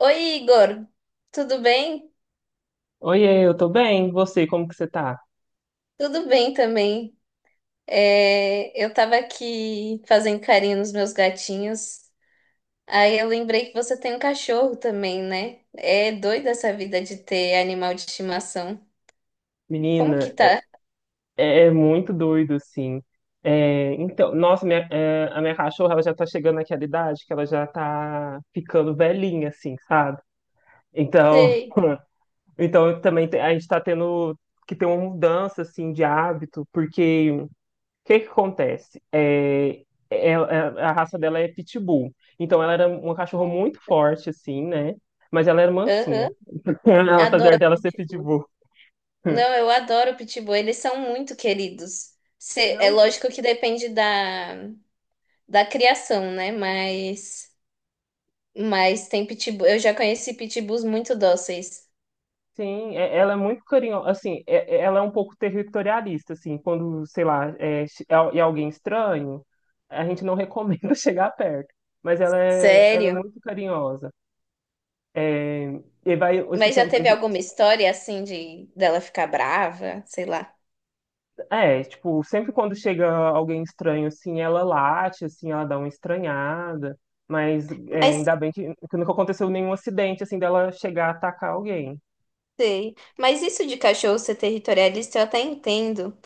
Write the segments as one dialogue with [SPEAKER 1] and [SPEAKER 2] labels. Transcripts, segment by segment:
[SPEAKER 1] Oi, Igor, tudo bem?
[SPEAKER 2] Oiê, eu tô bem. E você, como que você tá?
[SPEAKER 1] Tudo bem também. É, eu tava aqui fazendo carinho nos meus gatinhos. Aí eu lembrei que você tem um cachorro também, né? É doida essa vida de ter animal de estimação. Como que
[SPEAKER 2] Menina, é,
[SPEAKER 1] tá?
[SPEAKER 2] é muito doido, assim. Nossa, a minha cachorra, ela já tá chegando naquela idade que ela já tá ficando velhinha, assim, sabe? Então,
[SPEAKER 1] Sei.
[SPEAKER 2] então eu a gente tá tendo que ter uma mudança, assim, de hábito, porque o que que acontece? A raça dela é Pitbull. Então, ela era uma cachorra muito forte, assim, né? Mas ela era mansinha.
[SPEAKER 1] Aham.
[SPEAKER 2] Ela, apesar
[SPEAKER 1] Adoro
[SPEAKER 2] dela ser
[SPEAKER 1] pitbull.
[SPEAKER 2] Pitbull.
[SPEAKER 1] Não, eu adoro pitbull. Eles são muito queridos. É
[SPEAKER 2] Não,
[SPEAKER 1] lógico que depende da criação, né? Mas tem pitbull. Eu já conheci pitbulls muito dóceis.
[SPEAKER 2] sim, ela é muito carinhosa, assim, ela é um pouco territorialista, assim, quando, sei lá, é, alguém estranho, a gente não recomenda chegar perto, mas ela é
[SPEAKER 1] Sério?
[SPEAKER 2] muito carinhosa. É, e vai esse
[SPEAKER 1] Mas já
[SPEAKER 2] tempo,
[SPEAKER 1] teve alguma história assim de dela ficar brava, sei lá.
[SPEAKER 2] é, tipo, sempre quando chega alguém estranho, assim, ela late, assim, ela dá uma estranhada, mas é,
[SPEAKER 1] Mas
[SPEAKER 2] ainda bem que nunca aconteceu nenhum acidente, assim, dela chegar a atacar alguém.
[SPEAKER 1] sei. Mas isso de cachorro ser territorialista eu até entendo,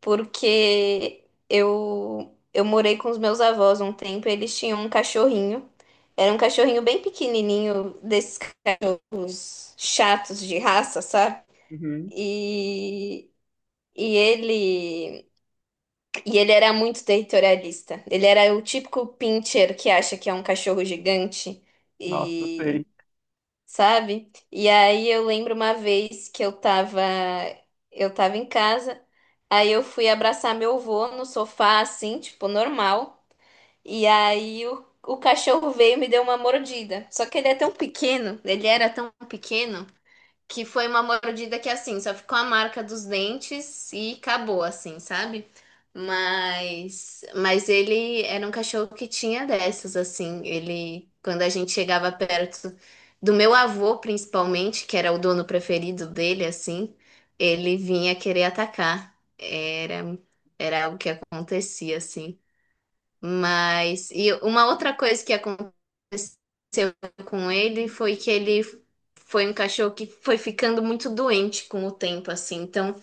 [SPEAKER 1] porque eu morei com os meus avós um tempo, e eles tinham um cachorrinho. Era um cachorrinho bem pequenininho, desses cachorros chatos de raça, sabe?
[SPEAKER 2] Uhum.
[SPEAKER 1] E e ele E ele era muito territorialista. Ele era o típico pincher que acha que é um cachorro gigante
[SPEAKER 2] Nossa, eu
[SPEAKER 1] e
[SPEAKER 2] sei.
[SPEAKER 1] sabe? E aí eu lembro uma vez que eu tava em casa, aí eu fui abraçar meu avô no sofá assim, tipo normal, e aí o cachorro veio e me deu uma mordida. Só que ele é tão pequeno, ele era tão pequeno que foi uma mordida que assim, só ficou a marca dos dentes e acabou assim, sabe? Mas ele era um cachorro que tinha dessas assim, ele quando a gente chegava perto do meu avô principalmente, que era o dono preferido dele assim, ele vinha querer atacar. Era algo que acontecia assim. Mas e uma outra coisa que aconteceu com ele foi que ele foi um cachorro que foi ficando muito doente com o tempo, assim. Então,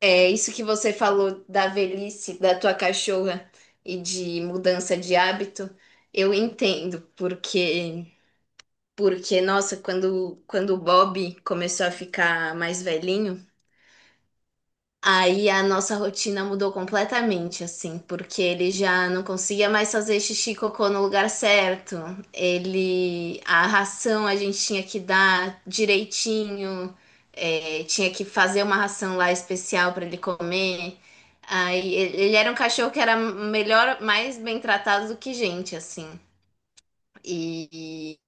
[SPEAKER 1] é isso que você falou da velhice da tua cachorra e de mudança de hábito, eu entendo, porque nossa, quando o Bob começou a ficar mais velhinho, aí a nossa rotina mudou completamente, assim, porque ele já não conseguia mais fazer xixi e cocô no lugar certo. A ração a gente tinha que dar direitinho, é, tinha que fazer uma ração lá especial para ele comer. Aí ele era um cachorro que era melhor, mais bem tratado do que gente, assim. E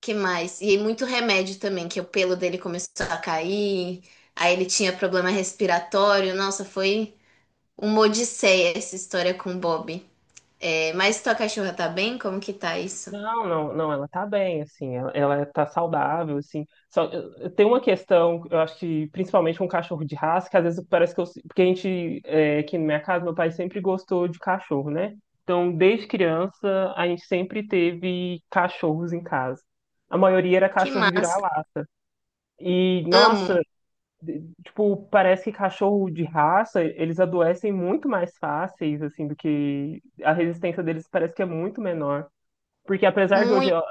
[SPEAKER 1] que mais? E muito remédio também, que o pelo dele começou a cair, aí ele tinha problema respiratório. Nossa, foi uma odisseia essa história com o Bob. É, mas tua cachorra tá bem? Como que tá isso?
[SPEAKER 2] Não, não, não, ela tá bem, assim, ela tá saudável, assim. Só, tem uma questão, eu acho que principalmente com cachorro de raça, que às vezes parece que eu. Porque a gente, é, aqui na minha casa, meu pai sempre gostou de cachorro, né? Então, desde criança, a gente sempre teve cachorros em casa. A maioria era
[SPEAKER 1] Que
[SPEAKER 2] cachorro
[SPEAKER 1] massa.
[SPEAKER 2] vira-lata. E,
[SPEAKER 1] Amo.
[SPEAKER 2] nossa, tipo, parece que cachorro de raça, eles adoecem muito mais fáceis, assim, do que a resistência deles parece que é muito menor. Porque apesar de hoje,
[SPEAKER 1] Muito.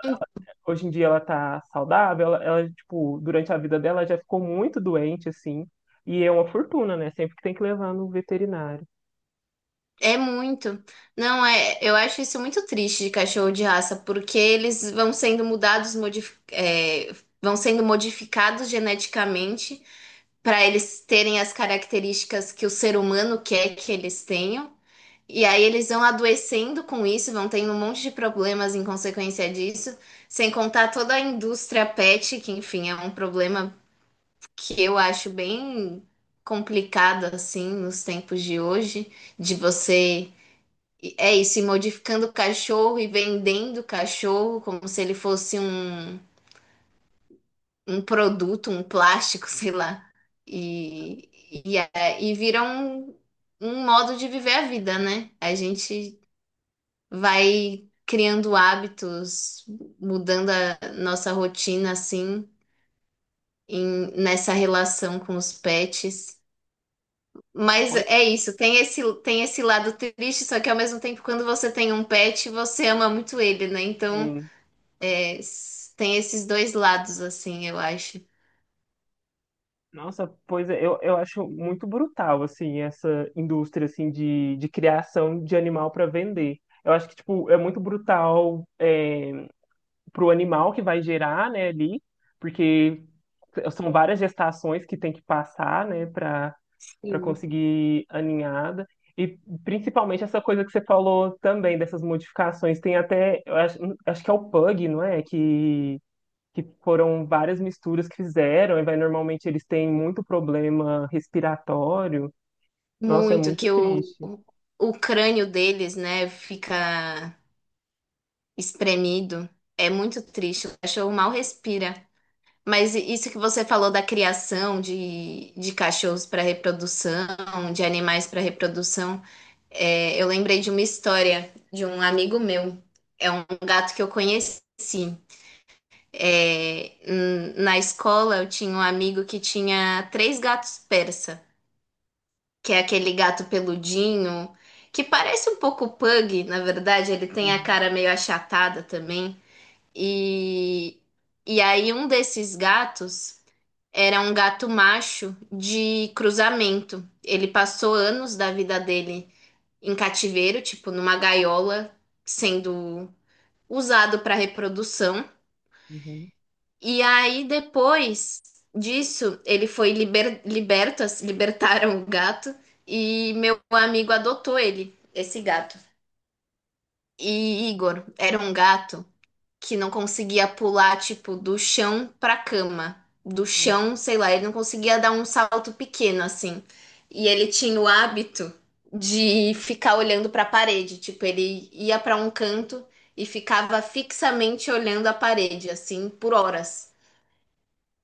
[SPEAKER 2] hoje em dia ela tá saudável, ela, tipo, durante a vida dela já ficou muito doente, assim. E é uma fortuna, né? Sempre que tem que levar no veterinário.
[SPEAKER 1] É muito. Não é, eu acho isso muito triste de cachorro de raça, porque eles vão sendo mudados, vão sendo modificados geneticamente para eles terem as características que o ser humano quer que eles tenham. E aí eles vão adoecendo com isso, vão tendo um monte de problemas em consequência disso, sem contar toda a indústria pet, que enfim, é um problema que eu acho bem complicado assim nos tempos de hoje, de você é isso, ir modificando o cachorro e vendendo o cachorro como se ele fosse um, um, produto, um plástico, sei lá. E vira um modo de viver a vida, né? A gente vai criando hábitos, mudando a nossa rotina assim, nessa relação com os pets.
[SPEAKER 2] Não,
[SPEAKER 1] Mas
[SPEAKER 2] pois
[SPEAKER 1] é isso, tem esse lado triste, só que ao mesmo tempo, quando você tem um pet, você ama muito ele, né? Então,
[SPEAKER 2] sim.
[SPEAKER 1] é, tem esses dois lados, assim, eu acho.
[SPEAKER 2] Nossa, pois é, eu acho muito brutal, assim, essa indústria, assim, de criação de animal para vender. Eu acho que, tipo, é muito brutal, é, para o animal que vai gerar, né, ali, porque são várias gestações que tem que passar, né, para
[SPEAKER 1] Sim.
[SPEAKER 2] conseguir a ninhada. E principalmente essa coisa que você falou também dessas modificações, tem até, eu acho, acho que é o Pug, não é? Que foram várias misturas que fizeram, e vai normalmente eles têm muito problema respiratório. Nossa, é
[SPEAKER 1] Muito,
[SPEAKER 2] muito
[SPEAKER 1] que o,
[SPEAKER 2] triste.
[SPEAKER 1] o crânio deles, né, fica espremido. É muito triste, o cachorro mal respira. Mas isso que você falou da criação de cachorros para reprodução, de animais para reprodução, é, eu lembrei de uma história de um amigo meu. É um gato que eu conheci. É, na escola eu tinha um amigo que tinha três gatos persa, que é aquele gato peludinho, que parece um pouco pug, na verdade, ele tem a
[SPEAKER 2] Uhum,
[SPEAKER 1] cara meio achatada também. E, e aí um desses gatos era um gato macho de cruzamento. Ele passou anos da vida dele em cativeiro, tipo numa gaiola, sendo usado para reprodução. E aí depois disso, ele foi liberto, assim, libertaram o gato e meu amigo adotou ele, esse gato. E Igor era um gato que não conseguia pular, tipo, do chão pra cama. Do
[SPEAKER 2] uhum.
[SPEAKER 1] chão, sei lá, ele não conseguia dar um salto pequeno assim. E ele tinha o hábito de ficar olhando pra parede, tipo, ele ia pra um canto e ficava fixamente olhando a parede assim por horas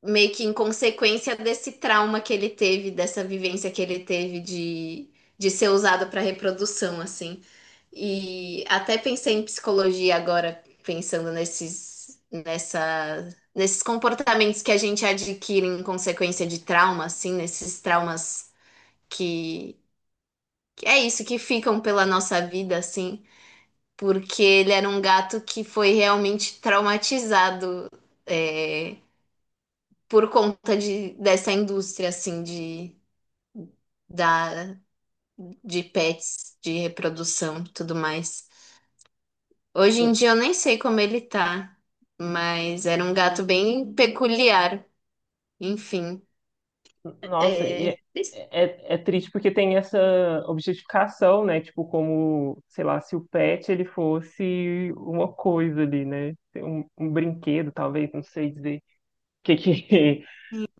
[SPEAKER 1] meio que em consequência desse trauma que ele teve, dessa vivência que ele teve de ser usado para reprodução, assim. E até pensei em psicologia agora, pensando nesses comportamentos que a gente adquire em consequência de trauma, assim, nesses traumas que, que é isso, que ficam pela nossa vida, assim. Porque ele era um gato que foi realmente traumatizado, eh, por conta de, dessa indústria, assim, da, de pets, de reprodução e tudo mais. Hoje em dia eu nem sei como ele tá, mas era um gato bem peculiar. Enfim,
[SPEAKER 2] Nossa, e é,
[SPEAKER 1] é,
[SPEAKER 2] é, é triste porque tem essa objetificação, né? Tipo, como, sei lá, se o pet ele fosse uma coisa ali, né? Um brinquedo, talvez, não sei dizer que que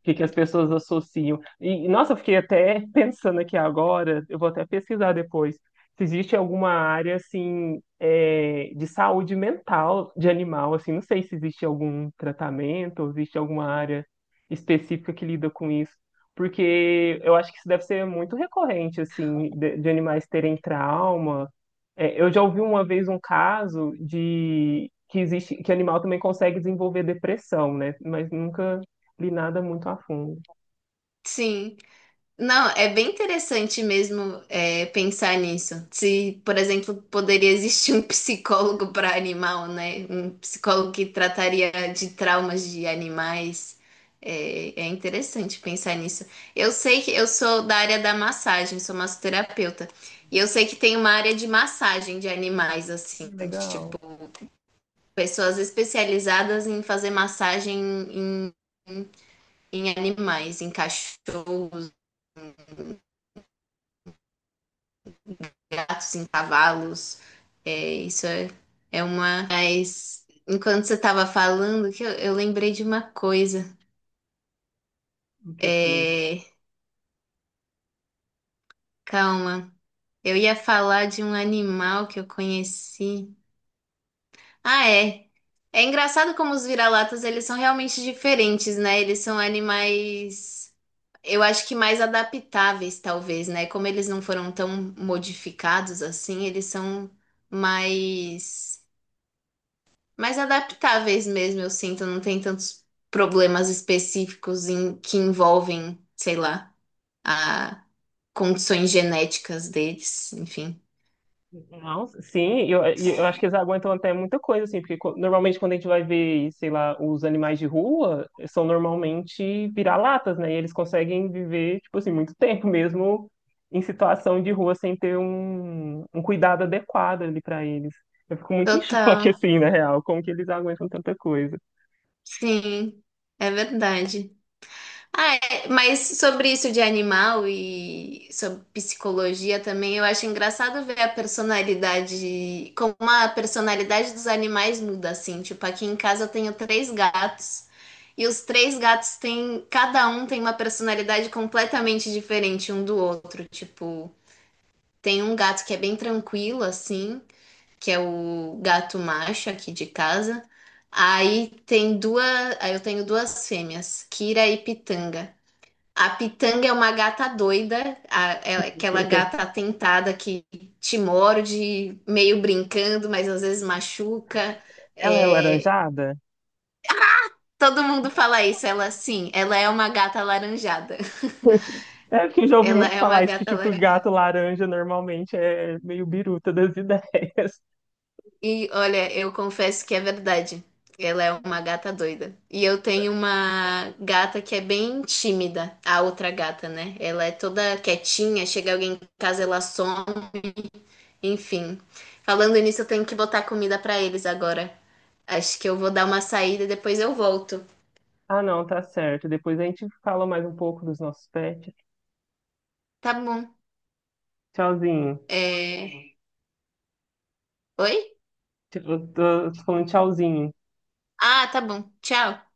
[SPEAKER 2] o que que as pessoas associam. E, nossa, eu fiquei até pensando aqui agora, eu vou até pesquisar depois, se existe alguma área, assim, é, de saúde mental de animal, assim, não sei se existe algum tratamento, ou existe alguma área específica que lida com isso, porque eu acho que isso deve ser muito recorrente, assim, de animais terem trauma. É, eu já ouvi uma vez um caso de... que existe, que animal também consegue desenvolver depressão, né? Mas nunca li nada muito a fundo.
[SPEAKER 1] sim, não, é bem interessante mesmo, pensar nisso. Se, por exemplo, poderia existir um psicólogo para animal, né? Um psicólogo que trataria de traumas de animais. É, é interessante pensar nisso. Eu sei que eu sou da área da massagem, sou massoterapeuta. E eu sei que tem uma área de massagem de animais, assim, tipo,
[SPEAKER 2] Legal.
[SPEAKER 1] pessoas especializadas em fazer massagem em animais, em cachorros, gatos, em cavalos. É, isso é, uma. Mas enquanto você estava falando, que eu lembrei de uma coisa.
[SPEAKER 2] O que que você lembra?
[SPEAKER 1] É, calma. Eu ia falar de um animal que eu conheci. Ah, é. É engraçado como os vira-latas, eles são realmente diferentes, né? Eles são animais, eu acho que mais adaptáveis, talvez, né? Como eles não foram tão modificados assim, eles são mais adaptáveis mesmo, eu sinto, não tem tantos problemas específicos que envolvem, sei lá, a condições genéticas deles, enfim.
[SPEAKER 2] Nossa, sim, eu acho que eles aguentam até muita coisa, assim, porque normalmente quando a gente vai ver, sei lá, os animais de rua, são normalmente vira-latas, né? E eles conseguem viver, tipo assim, muito tempo mesmo em situação de rua sem ter um cuidado adequado ali pra eles. Eu fico muito em choque,
[SPEAKER 1] Total,
[SPEAKER 2] assim, na real, como que eles aguentam tanta coisa.
[SPEAKER 1] sim, é verdade. Ah, é, mas sobre isso de animal e sobre psicologia também, eu acho engraçado ver a personalidade, como a personalidade dos animais muda, assim. Tipo, aqui em casa eu tenho três gatos e os três gatos têm, cada um tem uma personalidade completamente diferente um do outro. Tipo, tem um gato que é bem tranquilo, assim, que é o gato macho aqui de casa. Aí tem duas, aí eu tenho duas fêmeas, Kira e Pitanga. A Pitanga é uma gata doida, aquela gata atentada que te morde, meio brincando, mas às vezes machuca.
[SPEAKER 2] Ela é
[SPEAKER 1] É,
[SPEAKER 2] laranjada?
[SPEAKER 1] todo mundo fala isso, ela sim, ela é uma gata alaranjada.
[SPEAKER 2] É porque eu já ouvi
[SPEAKER 1] Ela
[SPEAKER 2] muito
[SPEAKER 1] é uma
[SPEAKER 2] falar isso, que
[SPEAKER 1] gata
[SPEAKER 2] tipo, gato
[SPEAKER 1] alaranjada.
[SPEAKER 2] laranja normalmente é meio biruta das ideias.
[SPEAKER 1] E olha, eu confesso que é verdade. Ela é uma gata doida. E eu tenho uma gata que é bem tímida, a outra gata, né? Ela é toda quietinha, chega alguém em casa, ela some. Enfim, falando nisso, eu tenho que botar comida pra eles agora. Acho que eu vou dar uma saída e depois eu volto.
[SPEAKER 2] Ah, não, tá certo. Depois a gente fala mais um pouco dos nossos pets.
[SPEAKER 1] Tá bom.
[SPEAKER 2] Tchauzinho.
[SPEAKER 1] É... Oi?
[SPEAKER 2] Tipo, eu tô, falando tchauzinho.
[SPEAKER 1] Ah, tá bom. Tchau.